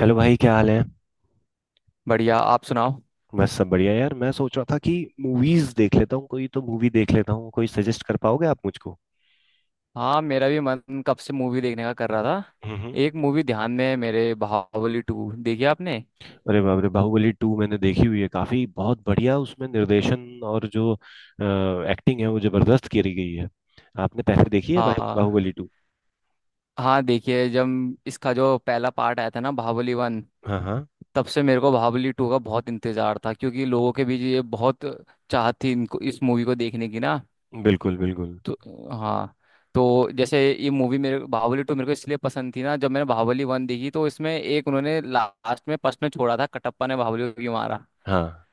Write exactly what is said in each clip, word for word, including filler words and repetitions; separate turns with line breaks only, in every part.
Hello भाई, क्या हाल है?
बढ़िया। आप सुनाओ।
बस सब बढ़िया यार। मैं सोच रहा था कि मूवीज देख लेता हूँ, कोई तो मूवी देख लेता हूँ। कोई सजेस्ट कर पाओगे आप मुझको?
हाँ, मेरा भी मन कब से मूवी देखने का कर रहा था।
हम्म।
एक मूवी ध्यान में है मेरे, बाहुबली टू। देखी आपने?
अरे बाप रे! बाहुबली टू मैंने देखी हुई है, काफी बहुत बढ़िया उसमें निर्देशन और जो एक्टिंग है वो जबरदस्त करी गई है। आपने पहले देखी है बाह- बाहुबली
हाँ
टू?
हाँ, देखिए, जब इसका जो पहला पार्ट आया था ना, बाहुबली वन,
हाँ, हाँ।
तब से मेरे को बाहुबली टू का बहुत इंतजार था क्योंकि लोगों के बीच ये बहुत चाहत थी, इनको इस मूवी को देखने की ना।
बिल्कुल, बिल्कुल।
तो, हाँ, तो जैसे ये मूवी मेरे, बाहुबली टू, मेरे को इसलिए पसंद थी ना, जब मैंने बाहुबली वन देखी तो इसमें एक उन्होंने लास्ट में प्रश्न छोड़ा था, कटप्पा ने बाहुबली को क्यों मारा।
हाँ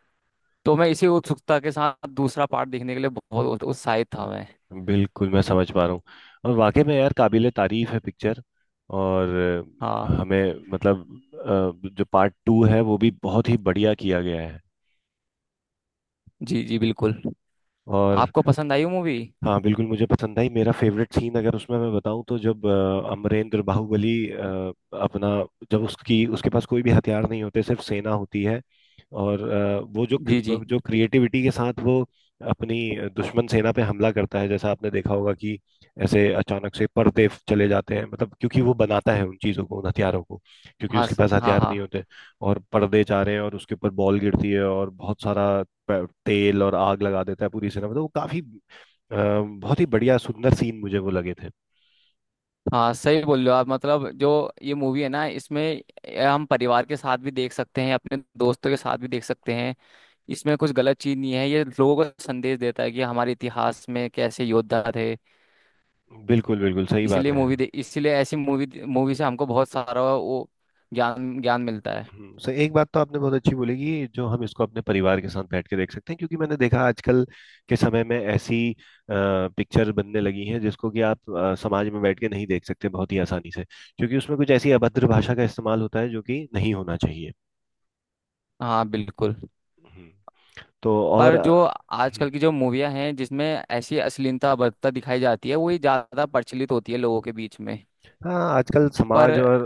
तो मैं इसी उत्सुकता के साथ दूसरा पार्ट देखने के लिए बहुत उत्साहित था मैं।
बिल्कुल, मैं समझ पा रहा हूँ। और वाकई में यार, काबिले तारीफ है पिक्चर। और अ,
हाँ,
हमें मतलब, अ, जो पार्ट टू है वो भी बहुत ही बढ़िया किया गया है।
जी जी, बिल्कुल।
और।
आपको पसंद आई वो मूवी?
हाँ बिल्कुल, मुझे पसंद आई। मेरा फेवरेट सीन अगर उसमें मैं बताऊं तो, जब अ, अमरेंद्र बाहुबली, अ, अपना, जब उसकी उसके पास कोई भी हथियार नहीं होते, सिर्फ सेना होती है। और अ, वो जो
जी जी।
क्र- जो क्रिएटिविटी के साथ वो अपनी दुश्मन सेना पे हमला करता है, जैसा आपने देखा होगा कि ऐसे अचानक से पर्दे चले जाते हैं, मतलब क्योंकि वो बनाता है उन चीज़ों को, उन हथियारों को, क्योंकि
हाँ
उसके
स-
पास
हाँ
हथियार
हाँ।
नहीं होते। और पर्दे जा रहे हैं और उसके ऊपर बॉल गिरती है और बहुत सारा पे- तेल, और आग लगा देता है पूरी सेना। मतलब वो काफी, अ, बहुत ही बढ़िया सुंदर सीन मुझे वो लगे थे।
हाँ, सही बोल रहे हो आप, मतलब जो ये मूवी है ना, इसमें ए, हम परिवार के साथ भी देख सकते हैं, अपने दोस्तों के साथ भी देख सकते हैं। इसमें कुछ गलत चीज नहीं है, ये लोगों को संदेश देता है कि हमारे इतिहास में कैसे योद्धा थे।
बिल्कुल बिल्कुल सही बात
इसीलिए
है।
मूवी दे इसलिए ऐसी मूवी मूवी से हमको बहुत सारा वो ज्ञान ज्ञान मिलता है।
हम्म, सही। एक बात तो आपने बहुत अच्छी बोली कि जो हम इसको अपने परिवार के साथ बैठ के देख सकते हैं, क्योंकि मैंने देखा आजकल के समय में ऐसी पिक्चर बनने लगी हैं जिसको कि आप अ, समाज में बैठ के नहीं देख सकते बहुत ही आसानी से, क्योंकि उसमें कुछ ऐसी अभद्र भाषा का इस्तेमाल होता है जो कि नहीं होना चाहिए।
हाँ बिल्कुल।
हम्म, तो और
पर जो
हम्म,
आजकल की जो मूवियाँ हैं जिसमें ऐसी अश्लीलता बर्ता दिखाई जाती है, वही ज़्यादा प्रचलित होती है लोगों के बीच में।
हाँ, आजकल
पर।
समाज और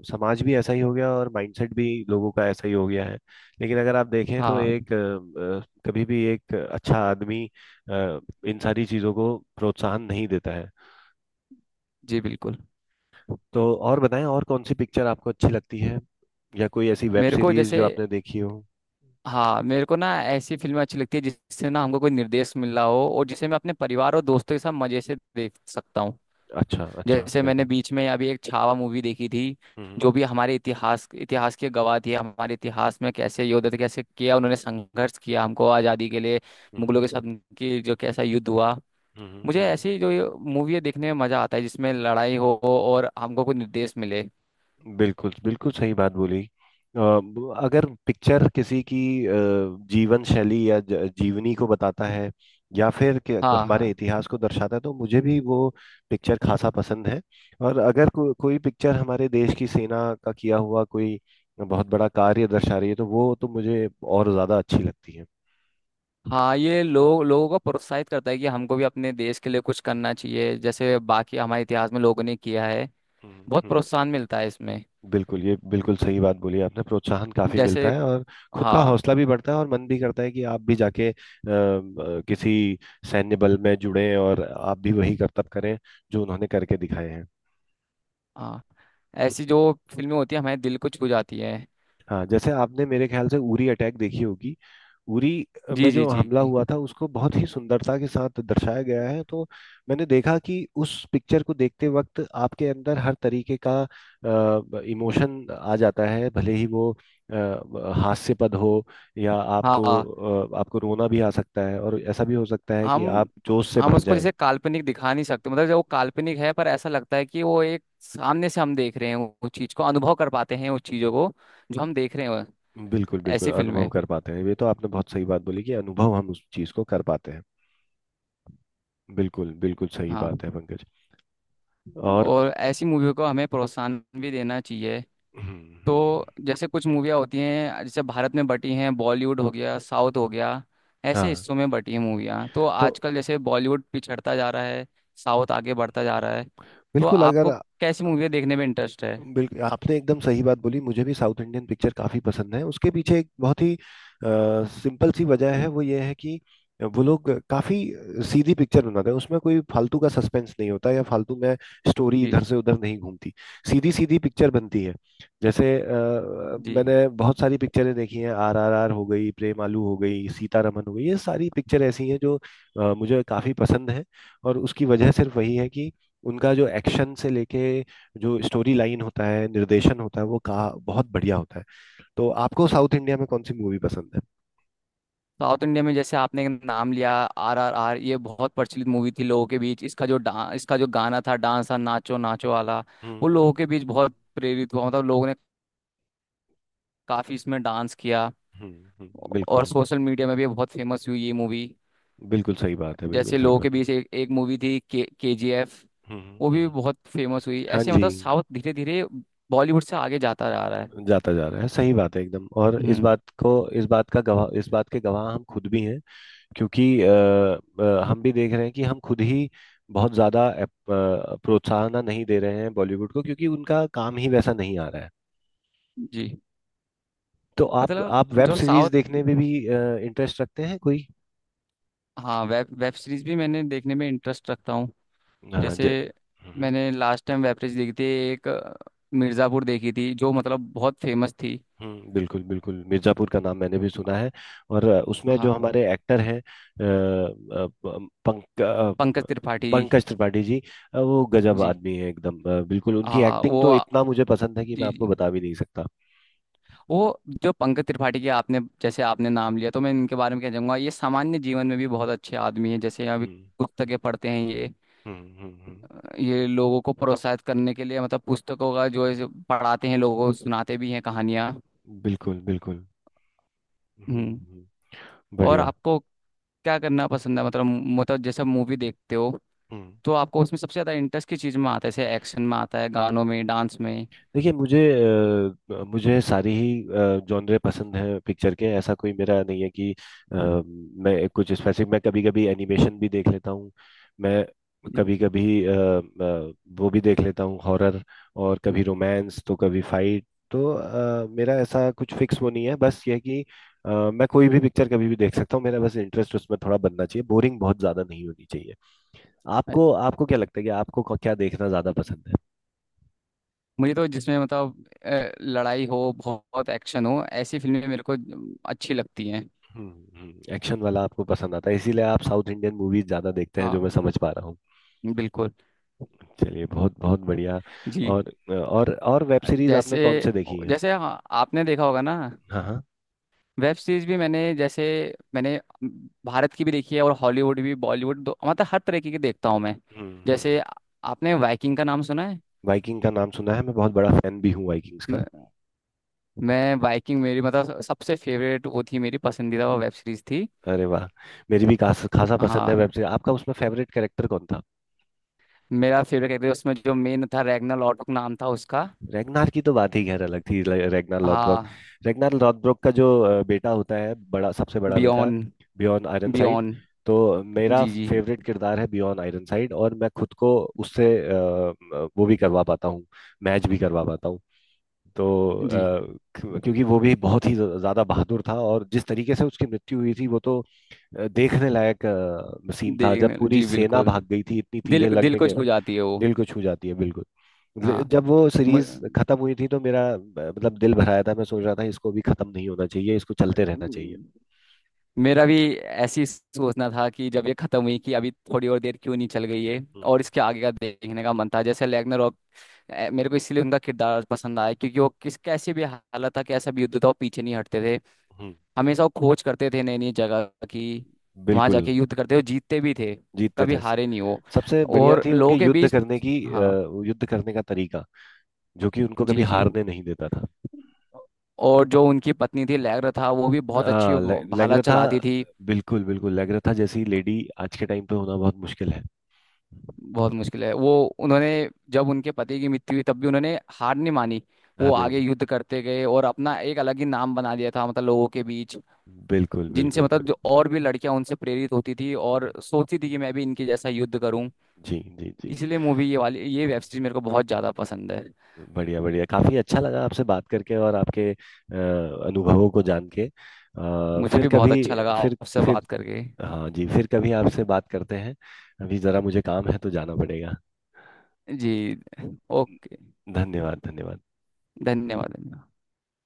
अ, समाज भी ऐसा ही हो गया और माइंडसेट भी लोगों का ऐसा ही हो गया है। लेकिन अगर आप देखें तो
हाँ।
एक, अ, अ, कभी भी एक अच्छा आदमी अ, इन सारी चीज़ों को प्रोत्साहन नहीं देता है।
जी बिल्कुल।
तो और बताएं, और कौन सी पिक्चर आपको अच्छी लगती है, या कोई ऐसी वेब
मेरे को
सीरीज
जैसे
जो आपने देखी हो?
हाँ, मेरे को ना ऐसी फिल्में अच्छी लगती है जिससे ना हमको कोई निर्देश मिल रहा हो और जिसे मैं अपने परिवार और दोस्तों के साथ मजे से देख सकता हूँ।
अच्छा अच्छा,
जैसे मैंने
बिल्कुल।
बीच में अभी एक छावा मूवी देखी थी,
हम्म,
जो भी हमारे इतिहास इतिहास की गवाह थी, हमारे इतिहास में कैसे योद्धा थे, कैसे किया उन्होंने, संघर्ष किया हमको आज़ादी के लिए।
हम्म,
मुगलों के साथ उनकी जो कैसा युद्ध हुआ।
हम्म, हम्म,
मुझे
हम्म।
ऐसी जो मूवी देखने में मजा आता है जिसमें लड़ाई हो और हमको कोई निर्देश मिले।
बिल्कुल बिल्कुल सही बात बोली। अ, ब- अगर पिक्चर किसी की अ, जीवन शैली या ज- जीवनी को बताता है, या फिर कि- क-
हाँ
हमारे
हाँ
इतिहास को दर्शाता है, तो मुझे भी वो पिक्चर खासा पसंद है। और अगर को, कोई पिक्चर हमारे देश की सेना का किया हुआ कोई बहुत बड़ा कार्य दर्शा रही है, तो वो तो मुझे और ज्यादा अच्छी लगती है।
हाँ, ये लोग लोगों को प्रोत्साहित करता है कि हमको भी अपने देश के लिए कुछ करना चाहिए जैसे बाकी हमारे इतिहास में लोगों ने किया है।
हम्म,
बहुत
हम्म।
प्रोत्साहन मिलता है इसमें।
बिल्कुल, ये बिल्कुल सही बात बोली आपने। प्रोत्साहन काफी
जैसे।
मिलता है, और खुद का
हाँ
हौसला भी बढ़ता है, और मन भी करता है कि आप भी जाके आ, किसी सैन्य बल में जुड़ें और आप भी वही करतब करें जो उन्होंने करके दिखाए हैं।
हाँ। ऐसी जो फिल्में होती है हमारे दिल को छू जाती है।
हाँ, जैसे आपने मेरे ख्याल से उरी अटैक देखी होगी। उरी में
जी जी
जो
जी।
हमला हुआ था उसको बहुत ही सुंदरता के साथ दर्शाया गया है। तो मैंने देखा कि उस पिक्चर को देखते वक्त आपके अंदर हर तरीके का इमोशन आ जाता है, भले ही वो अ, हास्यपद हो, या
हाँ
आपको,
हाँ।
अ, आपको रोना भी आ सकता है, और ऐसा भी हो सकता है कि
हम
आप जोश से
हम
भर
उसको
जाएं।
जैसे काल्पनिक दिखा नहीं सकते, मतलब जब वो काल्पनिक है पर ऐसा लगता है कि वो एक सामने से हम देख रहे हैं, वो चीज को अनुभव कर पाते हैं उस चीजों को जो हम देख रहे हैं वो-
बिल्कुल बिल्कुल,
ऐसी
अनुभव
फिल्में।
कर पाते हैं। ये तो आपने बहुत सही बात बोली कि अनुभव हम उस चीज को कर पाते हैं। बिल्कुल बिल्कुल सही
हाँ।
बात है, पंकज। और
और ऐसी मूवियों को हमें प्रोत्साहन भी देना चाहिए।
हम्म, हम्म,
तो
हम्म।
जैसे कुछ मूवियाँ होती हैं जैसे भारत में बटी हैं, बॉलीवुड हो गया, साउथ हो गया, ऐसे
हाँ
हिस्सों में बटी हैं मूवियाँ। तो
तो
आजकल जैसे बॉलीवुड पिछड़ता जा रहा है, साउथ आगे बढ़ता जा रहा है। तो
बिल्कुल, अगर
आपको कैसी मूवियाँ देखने में इंटरेस्ट है?
बिल्कुल आपने एकदम सही बात बोली। मुझे भी साउथ इंडियन पिक्चर काफी पसंद है। उसके पीछे एक बहुत ही सिंपल सी वजह है, वो ये है कि वो लोग काफी सीधी पिक्चर बनाते हैं। उसमें कोई फालतू का सस्पेंस नहीं होता, या फालतू में स्टोरी
जी
इधर से उधर नहीं घूमती। सीधी सीधी पिक्चर बनती है। जैसे, अ,
जी।
मैंने बहुत सारी पिक्चरें देखी हैं, आर आर आर हो गई, प्रेम आलू हो गई, सीतारमन हो गई। ये सारी पिक्चर ऐसी हैं जो अ, मुझे काफी पसंद है। और उसकी वजह सिर्फ वही है कि उनका जो एक्शन से लेके, जो स्टोरी लाइन होता है, निर्देशन होता है, वो कहा बहुत बढ़िया होता है। तो आपको साउथ इंडिया में कौन सी मूवी पसंद है?
साउथ इंडिया में जैसे आपने एक नाम लिया आर आर आर, ये बहुत प्रचलित मूवी थी लोगों के बीच, इसका जो डा इसका जो गाना था, डांस था, नाचो नाचो वाला, वो लोगों
हम्म,
के बीच बहुत प्रेरित हुआ, मतलब लोगों ने काफी इसमें डांस किया।
हम्म, हम्म,
और
बिल्कुल
सोशल मीडिया में भी बहुत फेमस हुई ये मूवी।
बिल्कुल सही बात है, बिल्कुल
जैसे
सही
लोगों के
बात है।
बीच एक एक मूवी थी के के जी एफ,
हम्म,
वो
हम्म,
भी
हम्म।
बहुत फेमस हुई।
हाँ
ऐसे
जी,
मतलब साउथ धीरे धीरे बॉलीवुड से आगे जाता जा रहा है।
जाता जा रहा है, सही बात है एकदम। और इस
हम्म।
बात को इस बात का गवाह इस बात के गवाह हम खुद भी हैं, क्योंकि अ, अ, हम भी देख रहे हैं कि हम खुद ही बहुत ज्यादा अप- अ, प्रोत्साहन नहीं दे रहे हैं बॉलीवुड को, क्योंकि उनका काम ही वैसा नहीं आ रहा है।
जी।
तो आप
मतलब
आप वेब
जो
सीरीज
साउथ।
देखने में भी इंटरेस्ट रखते हैं कोई?
हाँ, वेब वेब सीरीज भी मैंने देखने में इंटरेस्ट रखता हूँ।
अ,
जैसे
जे- हम्म,
मैंने लास्ट टाइम वेब सीरीज देखी थी, एक अ, मिर्ज़ापुर देखी थी, जो मतलब बहुत फेमस थी।
हम्म, बिल्कुल, बिल्कुल मिर्जापुर का नाम मैंने भी सुना है। और अ, उसमें जो
हाँ,
हमारे एक्टर हैं, अ, अ, प- पंक अ,
पंकज त्रिपाठी
पंकज त्रिपाठी जी। अ, वो गजब
जी।
आदमी है एकदम। अ, बिल्कुल उनकी
हाँ,
एक्टिंग
वो
तो
आ-
इतना मुझे पसंद है कि मैं
जी
आपको
जी।
बता भी नहीं सकता।
वो जो पंकज त्रिपाठी के आपने जैसे आपने नाम लिया, तो मैं इनके बारे में क्या चाहूंगा, ये सामान्य जीवन में भी बहुत अच्छे आदमी हैं, जैसे अभी
हम्म,
पुस्तकें पढ़ते हैं ये।
हम्म, हम्म, हम्म,
ये लोगों को प्रोत्साहित करने के लिए, मतलब पुस्तकों का जो है जो पढ़ाते हैं लोगों को, सुनाते भी हैं कहानियाँ।
बिल्कुल बिल्कुल। हम्म,
हम्म।
हम्म,
और
बढ़िया।
आपको क्या करना पसंद है, मतलब, मतलब जैसे मूवी देखते हो,
हम्म।
तो आपको उसमें सबसे ज्यादा इंटरेस्ट किस चीज में आता है, जैसे एक्शन में आता है, गानों में, डांस में?
देखिए, मुझे अ, मुझे सारी ही जॉनरे पसंद है पिक्चर के। ऐसा कोई मेरा नहीं है कि अ, मैं कुछ स्पेसिफिक मैं कभी कभी एनिमेशन भी देख लेता हूँ। मैं
जी।
कभी कभी वो भी देख लेता हूँ हॉरर, और कभी रोमांस तो कभी फाइट। तो अ, मेरा ऐसा कुछ फिक्स वो नहीं है, बस ये है कि अ, मैं कोई भी पिक्चर कभी भी देख सकता हूँ। मेरा बस इंटरेस्ट उसमें थोड़ा बनना चाहिए, बोरिंग बहुत ज्यादा नहीं होनी चाहिए। आपको
अच्छा।
आपको क्या लगता है कि आपको क्या देखना ज्यादा पसंद है?
मुझे तो जिसमें मतलब अ, लड़ाई हो, बहुत एक्शन हो, ऐसी फिल्में मेरे को अच्छी लगती हैं।
हम्म, हम्म, एक्शन वाला आपको पसंद आता है, इसीलिए आप साउथ इंडियन मूवीज ज्यादा देखते हैं, जो मैं
हाँ
समझ पा रहा हूँ।
बिल्कुल।
चलिए, बहुत बहुत बढ़िया।
जी।
और, और और वेब सीरीज आपने
जैसे।
कौन से देखी है?
जैसे हाँ, आपने देखा होगा ना,
हाँ, हाँ।
वेब सीरीज भी मैंने जैसे मैंने भारत की भी देखी है और हॉलीवुड भी, बॉलीवुड दो, मतलब हर तरीके की देखता हूँ मैं।
हम्म,
जैसे
हम्म।
आपने वाइकिंग का नाम सुना
वाइकिंग का नाम सुना है, मैं बहुत बड़ा फैन भी हूँ वाइकिंग्स का।
है? मैं बाइकिंग, मेरी मतलब सबसे फेवरेट वो थी, मेरी पसंदीदा वो वेब सीरीज थी।
अरे वाह! मेरी भी खास खासा पसंद
हाँ,
है वेब सीरीज। आपका उसमें फेवरेट कैरेक्टर कौन था?
मेरा फेवरेट कैरेक्टर उसमें जो मेन था, रैग्ना लॉटबुक नाम था उसका।
रेगनार की तो बात ही खैर अलग थी, ले- रेगनार लॉथब्रोक।
हाँ।
रेगनार लॉथब्रोक का जो अ, बेटा होता है, बड़ा, सबसे बड़ा बेटा।
बियॉन
बियॉन आयरनसाइड।
बियॉन।
तो मेरा
जी जी
फेवरेट किरदार है बियॉन आयरनसाइड, और मैं खुद को उससे अ, अ, वो भी करवा पाता हूँ। मैच भी करवा पाता हूँ। तो
जी।
अ, क्यों- क्योंकि वो भी बहुत ही ज- ज्यादा बहादुर था, और जिस तरीके से उसकी मृत्यु हुई थी, वो तो अ, देखने लायक सीन था, जब
देखने।
पूरी
जी
सेना
बिल्कुल।
भाग गई थी, इतनी
दिल
तीरें
को दिल
लगने
को
के।
छू जाती है वो।
दिल को छू जाती है, बिल्कुल। ले-
हाँ।
जब वो सीरीज खत्म हुई थी, तो मेरा, अ, मतलब, दिल भराया था। मैं सोच रहा था इसको भी खत्म नहीं होना चाहिए, इसको चलते रहना चाहिए।
मु- मेरा भी ऐसी सोचना था कि जब ये खत्म हुई, कि अभी थोड़ी और देर क्यों नहीं चल गई है।
हम्म,
और इसके आगे का देखने का मन था, जैसे रैग्नारोक। अ, मेरे को इसलिए उनका किरदार पसंद आया क्योंकि वो किस कैसी भी हालत था, कैसा भी युद्ध था, वो पीछे नहीं हटते थे।
हम्म,
हमेशा वो खोज करते थे नई नई जगह की, वहां
बिल्कुल।
जाके युद्ध करते, वो जीतते भी थे।
जीतते
कभी
थे।
हारे नहीं वो।
सबसे बढ़िया
और
थी उनकी
लोगों के
युद्ध
बीच।
करने की, अ,
हाँ।
युद्ध करने का तरीका, जो कि उनको कभी
जी जी।
हारने नहीं देता था।
और जो उनकी पत्नी थी लैग्रा, था वो भी बहुत अच्छी
आ, ले,
भाला
लेग्रथा।
चलाती थी।
बिल्कुल बिल्कुल। लेग्रथा जैसी लेडी आज के टाइम पे होना बहुत मुश्किल है।
बहुत मुश्किल है वो। उन्होंने जब उनके पति की मृत्यु हुई तब भी उन्होंने हार नहीं मानी। वो
हार
आगे
नहीं,
युद्ध करते गए और अपना एक अलग ही नाम बना लिया था, मतलब लोगों के बीच,
बिल्कुल
जिनसे
बिल्कुल।
मतलब जो और भी लड़कियां उनसे प्रेरित होती थी और सोचती थी कि मैं भी इनके जैसा युद्ध करूं।
जी, जी, जी।
इसलिए मूवी ये वाली ये वेब सीरीज मेरे को बहुत ज्यादा पसंद है।
बढ़िया बढ़िया, काफी अच्छा लगा आपसे बात करके, और आपके अ, अनुभवों को जान के। अ,
मुझे
फिर
भी
कभी
बहुत अच्छा लगा
फिर
आपसे
फिर
बात करके।
हाँ जी, फिर कभी आपसे बात करते हैं। अभी जरा मुझे काम है तो जाना पड़ेगा।
जी। ओके।
धन्यवाद, धन्यवाद।
धन्यवाद, धन्यवाद।